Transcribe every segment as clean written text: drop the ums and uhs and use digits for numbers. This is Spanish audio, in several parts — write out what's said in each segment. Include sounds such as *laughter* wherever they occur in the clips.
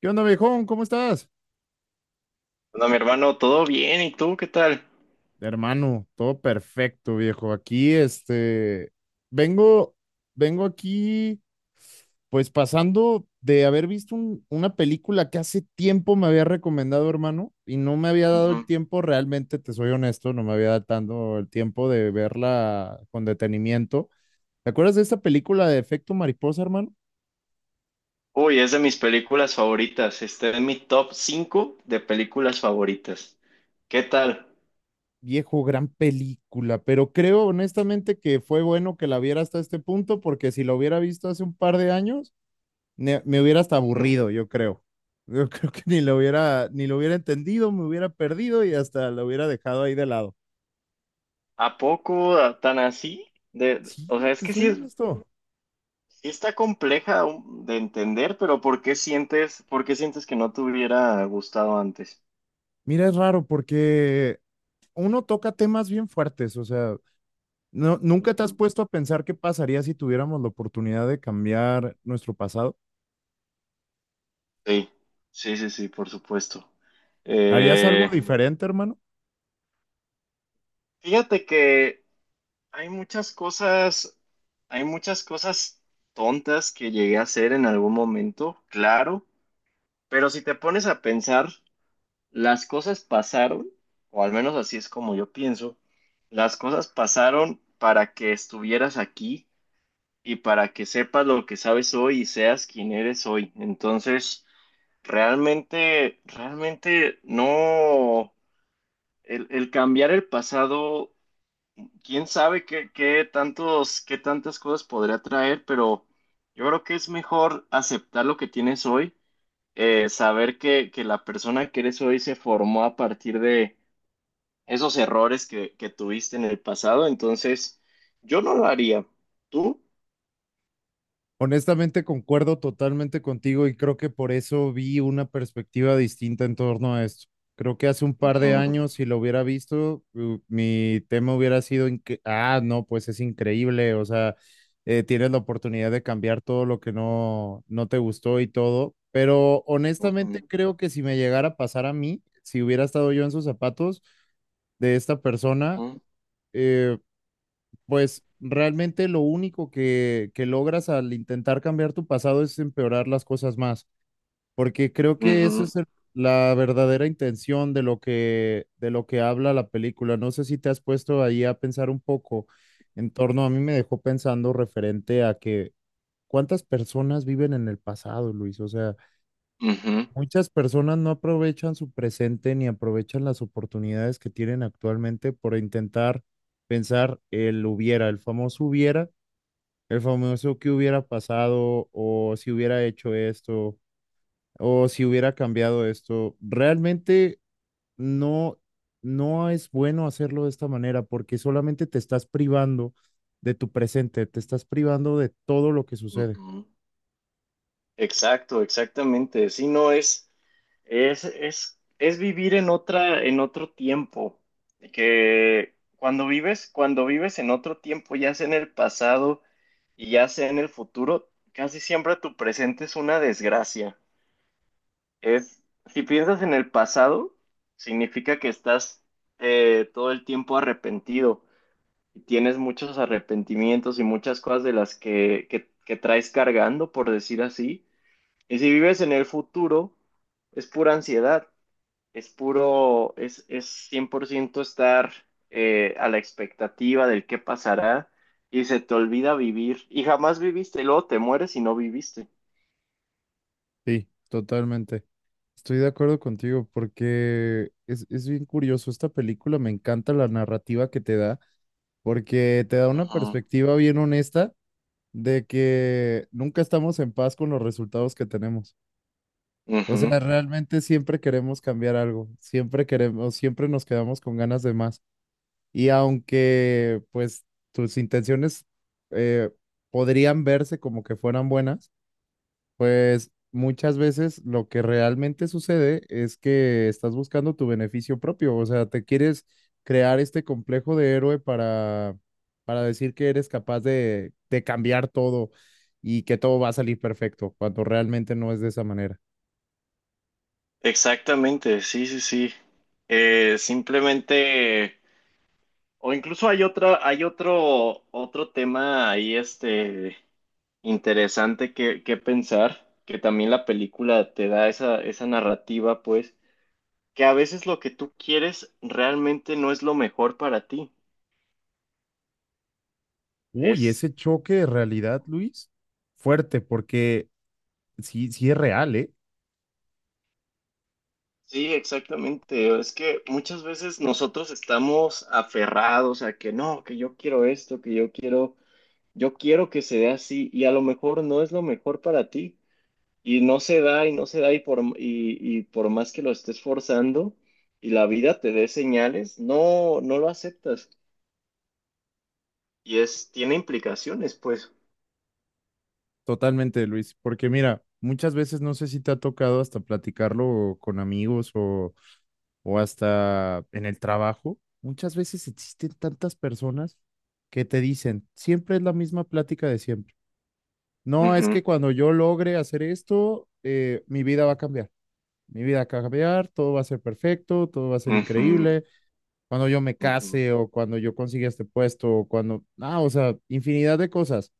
¿Qué onda, viejón? ¿Cómo estás? Hola, mi hermano, todo bien, ¿y tú qué tal? Hermano, todo perfecto, viejo. Aquí, vengo, vengo aquí, pues pasando de haber visto una película que hace tiempo me había recomendado, hermano, y no me había dado el Ujú. tiempo, realmente, te soy honesto, no me había dado tanto el tiempo de verla con detenimiento. ¿Te acuerdas de esta película de Efecto Mariposa, hermano? Uy, es de mis películas favoritas. Este es mi top 5 de películas favoritas. ¿Qué tal? Viejo, gran película, pero creo honestamente que fue bueno que la viera hasta este punto, porque si la hubiera visto hace un par de años, me hubiera hasta Ujú. aburrido, yo creo. Yo *laughs* creo que ni lo hubiera entendido, me hubiera perdido y hasta lo hubiera dejado ahí de lado. ¿A poco tan así? De, Sí, o sea, es te que sí, soy es- honesto. Sí está compleja de entender, pero por qué sientes que no te hubiera gustado antes? Mira, es raro porque uno toca temas bien fuertes, o sea, no, nunca te has Ujú. puesto a pensar qué pasaría si tuviéramos la oportunidad de cambiar nuestro pasado. Sí, sí, sí, sí, por supuesto. ¿Harías algo Eh, diferente, hermano? Fíjate que hay muchas cosas, hay muchas cosas tontas que llegué a hacer en algún momento, claro, pero si te pones a pensar, las cosas pasaron, o al menos así es como yo pienso, las cosas pasaron para que estuvieras aquí y para que sepas lo que sabes hoy y seas quien eres hoy. Entonces, realmente, realmente no, el cambiar el pasado. Quién sabe qué, qué tantas cosas podría traer, pero yo creo que es mejor aceptar lo que tienes hoy, saber que la persona que eres hoy se formó a partir de esos errores que tuviste en el pasado, entonces yo no lo haría. ¿Tú? Honestamente, concuerdo totalmente contigo y creo que por eso vi una perspectiva distinta en torno a esto. Creo que hace un par de Ujú, años, si lo hubiera visto, mi tema hubiera sido, no, pues es increíble, o sea, tienes la oportunidad de cambiar todo lo que no te gustó y todo, pero honestamente ujú, creo que si me llegara a pasar a mí, si hubiera estado yo en sus zapatos de esta persona, ujú, eh, pues realmente lo único que, logras al intentar cambiar tu pasado es empeorar las cosas más, porque creo que esa ujú, es la verdadera intención de lo que habla la película. No sé si te has puesto ahí a pensar un poco en torno, a mí me dejó pensando referente a que cuántas personas viven en el pasado, Luis. O sea, muchas personas no aprovechan su presente ni aprovechan las oportunidades que tienen actualmente por intentar pensar el hubiera, el famoso que hubiera pasado o si hubiera hecho esto o si hubiera cambiado esto. Realmente no, no es bueno hacerlo de esta manera porque solamente te estás privando de tu presente, te estás privando de todo lo que ujú, sucede. ujú. Exacto, exactamente. Si no es. Es vivir en otra, en otro tiempo. Que cuando vives en otro tiempo, ya sea en el pasado y ya sea en el futuro, casi siempre tu presente es una desgracia. Es, si piensas en el pasado, significa que estás todo el tiempo arrepentido y tienes muchos arrepentimientos y muchas cosas de las que traes cargando, por decir así. Y si vives en el futuro, es pura ansiedad, es puro, es 100% estar a la expectativa del qué pasará y se te olvida vivir y jamás viviste, y luego te mueres y no viviste. Sí, totalmente. Estoy de acuerdo contigo porque es bien curioso. Esta película me encanta la narrativa que te da porque te da una Ujú, perspectiva bien honesta de que nunca estamos en paz con los resultados que tenemos. O ujú. sea, realmente siempre queremos cambiar algo, siempre queremos, siempre nos quedamos con ganas de más. Y aunque pues tus intenciones eh, podrían verse como que fueran buenas, pues muchas veces lo que realmente sucede es que estás buscando tu beneficio propio, o sea, te quieres crear este complejo de héroe para decir que eres capaz de cambiar todo y que todo va a salir perfecto, cuando realmente no es de esa manera. Exactamente, sí, sí, sí. Simplemente, o incluso hay otra, hay otro, otro tema ahí, interesante que pensar, que también la película te da esa, esa narrativa, pues que a veces lo que tú quieres realmente no es lo mejor para ti. Uy, Es, ese choque de realidad, Luis, fuerte, porque sí, sí es real, ¿eh? sí, exactamente. Es que muchas veces nosotros estamos aferrados a que no, que yo quiero esto, que yo quiero que se dé así y a lo mejor no es lo mejor para ti y no se da y no se da y por, y por más que lo estés forzando y la vida te dé señales, no, no lo aceptas y es, tiene implicaciones, pues. Totalmente, Luis, porque mira, muchas veces no sé si te ha tocado hasta platicarlo con amigos o hasta en el trabajo, muchas veces existen tantas personas que te dicen, siempre es la misma plática de siempre. No, es Ujú, que cuando yo logre hacer esto, mi vida va a cambiar. Mi vida va a cambiar, todo va a ser perfecto, todo va a ser ujú, increíble. Cuando yo me ujú. case o cuando yo consiga este puesto o cuando, ah, o sea, infinidad de cosas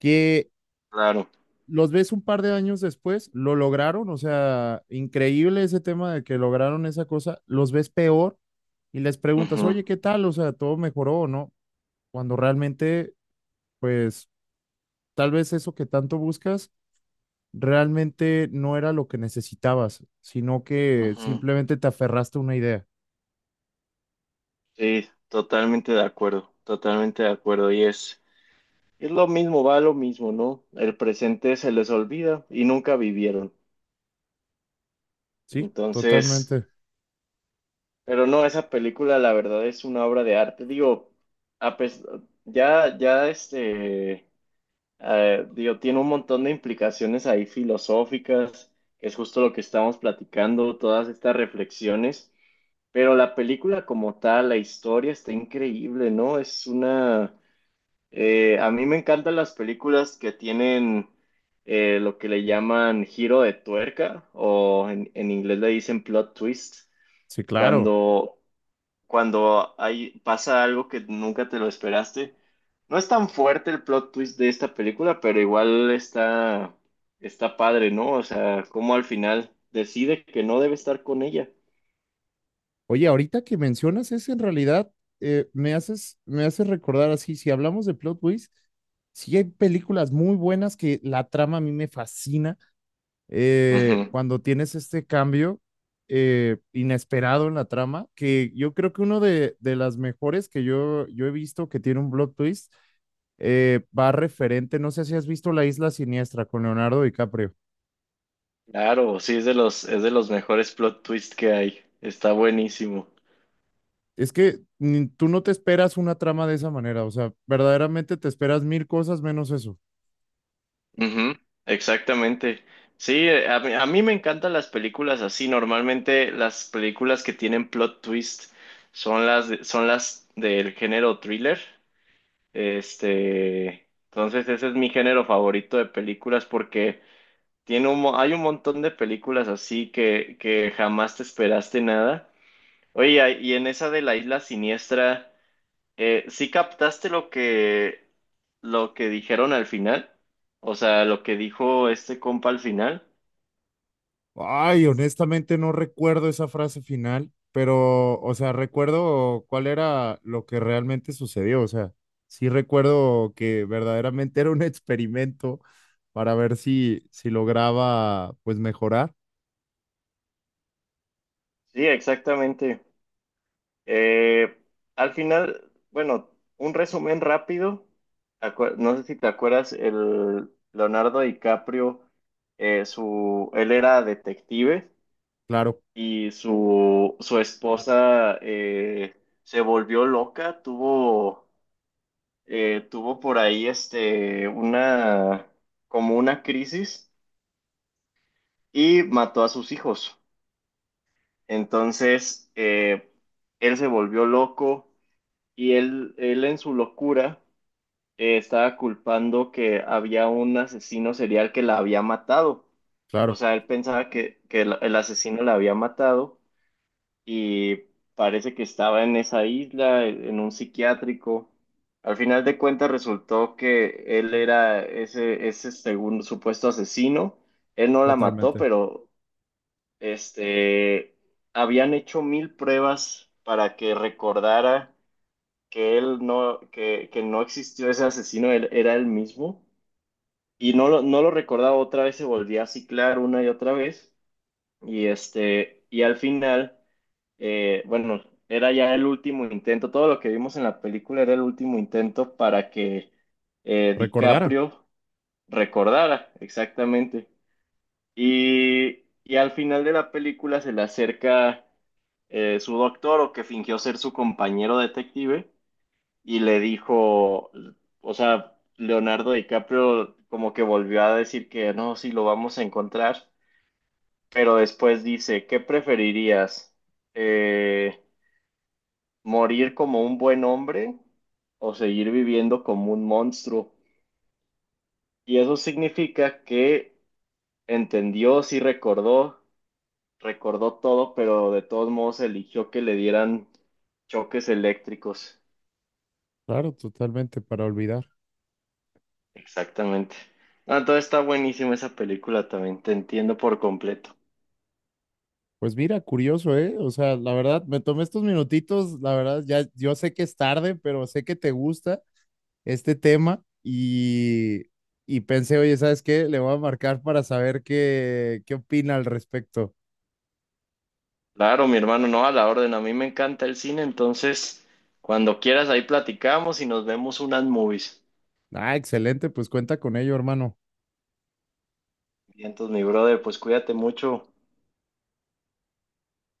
que Claro. los ves un par de años después, lo lograron, o sea, increíble ese tema de que lograron esa cosa, los ves peor y les preguntas, Ujú. oye, ¿qué tal? O sea, ¿todo mejoró o no? Cuando realmente, pues, tal vez eso que tanto buscas realmente no era lo que necesitabas, sino que Ujú. simplemente te aferraste a una idea. Sí, totalmente de acuerdo, totalmente de acuerdo. Y es lo mismo, va lo mismo, ¿no? El presente se les olvida y nunca vivieron. Sí, Entonces, totalmente. pero no, esa película la verdad es una obra de arte. Digo, a pes- ya, digo, tiene un montón de implicaciones ahí filosóficas, que es justo lo que estamos platicando, todas estas reflexiones. Pero la película como tal, la historia está increíble, ¿no? Es una... A mí me encantan las películas que tienen lo que le llaman giro de tuerca o en inglés le dicen plot twist, Sí, claro. cuando, cuando hay, pasa algo que nunca te lo esperaste. No es tan fuerte el plot twist de esta película, pero igual está, está padre, ¿no? O sea, como al final decide que no debe estar con ella. Oye, ahorita que mencionas eso, en realidad me haces recordar así, si hablamos de plot twist, sí hay películas muy buenas que la trama a mí me fascina. Ujú. Cuando tienes este cambio inesperado en la trama, que yo creo que uno de las mejores que yo he visto que tiene un plot twist va referente, no sé si has visto La Isla Siniestra con Leonardo DiCaprio. Claro, sí, es de los mejores plot twists que hay. Está buenísimo. Es que tú no te esperas una trama de esa manera, o sea, verdaderamente te esperas mil cosas menos eso. Ujú, exactamente. Sí, a mí me encantan las películas así. Normalmente las películas que tienen plot twist son son las del género thriller. Este, entonces ese es mi género favorito de películas porque tiene un, hay un montón de películas así que jamás te esperaste nada. Oye, y en esa de la Isla Siniestra ¿sí captaste lo que dijeron al final? O sea, lo que dijo este compa al final. Ay, honestamente no recuerdo esa frase final, pero, o sea, recuerdo cuál era lo que realmente sucedió, o sea, sí recuerdo que verdaderamente era un *laughs* experimento para ver si, si lograba, pues, mejorar. Sí, exactamente. Eh, Al final, bueno, un resumen rápido. No sé si te acuerdas, el Leonardo DiCaprio, él era detective Claro, y su esposa se volvió loca, tuvo tuvo por ahí una como una crisis y mató a sus hijos. Entonces él se volvió loco y él en su locura estaba culpando que había un asesino serial que la había matado. O claro, sea, él pensaba que el asesino la había matado y parece que estaba en esa isla, en un psiquiátrico. Al final de cuentas resultó que él era ese, ese segundo supuesto asesino. Él no la mató, totalmente. pero este, habían hecho 1000 pruebas para que recordara que él no, que no existió ese asesino, él era él mismo. Y no lo, no lo recordaba otra vez, se volvía a ciclar una y otra vez. Y este, y al final bueno, era ya el último intento, todo lo que vimos en la película era el último intento para que Recordar, DiCaprio recordara exactamente. Y al final de la película se le acerca su doctor o que fingió ser su compañero detective y le dijo, o sea, Leonardo DiCaprio como que volvió a decir que no, sí lo vamos a encontrar, pero después dice, ¿qué preferirías? Eh, Morir como un buen hombre o seguir viviendo como un monstruo. Y eso significa que entendió, sí recordó, recordó todo, pero de todos modos eligió que le dieran choques eléctricos. claro, totalmente, para olvidar. Exactamente. Ah, entonces está buenísima esa película también, te entiendo por completo. Pues mira, curioso, ¿eh? O sea, la verdad, me tomé estos minutitos, la verdad, ya yo sé que es tarde, pero sé que te gusta este tema y pensé, oye, ¿sabes qué? Le voy a marcar para saber qué, qué opina al respecto. Claro, mi hermano, no, a la orden, a mí me encanta el cine, entonces cuando quieras ahí platicamos y nos vemos unas movies. Ah, excelente, pues cuenta con ello, hermano. Bien, entonces, mi brother, pues cuídate mucho.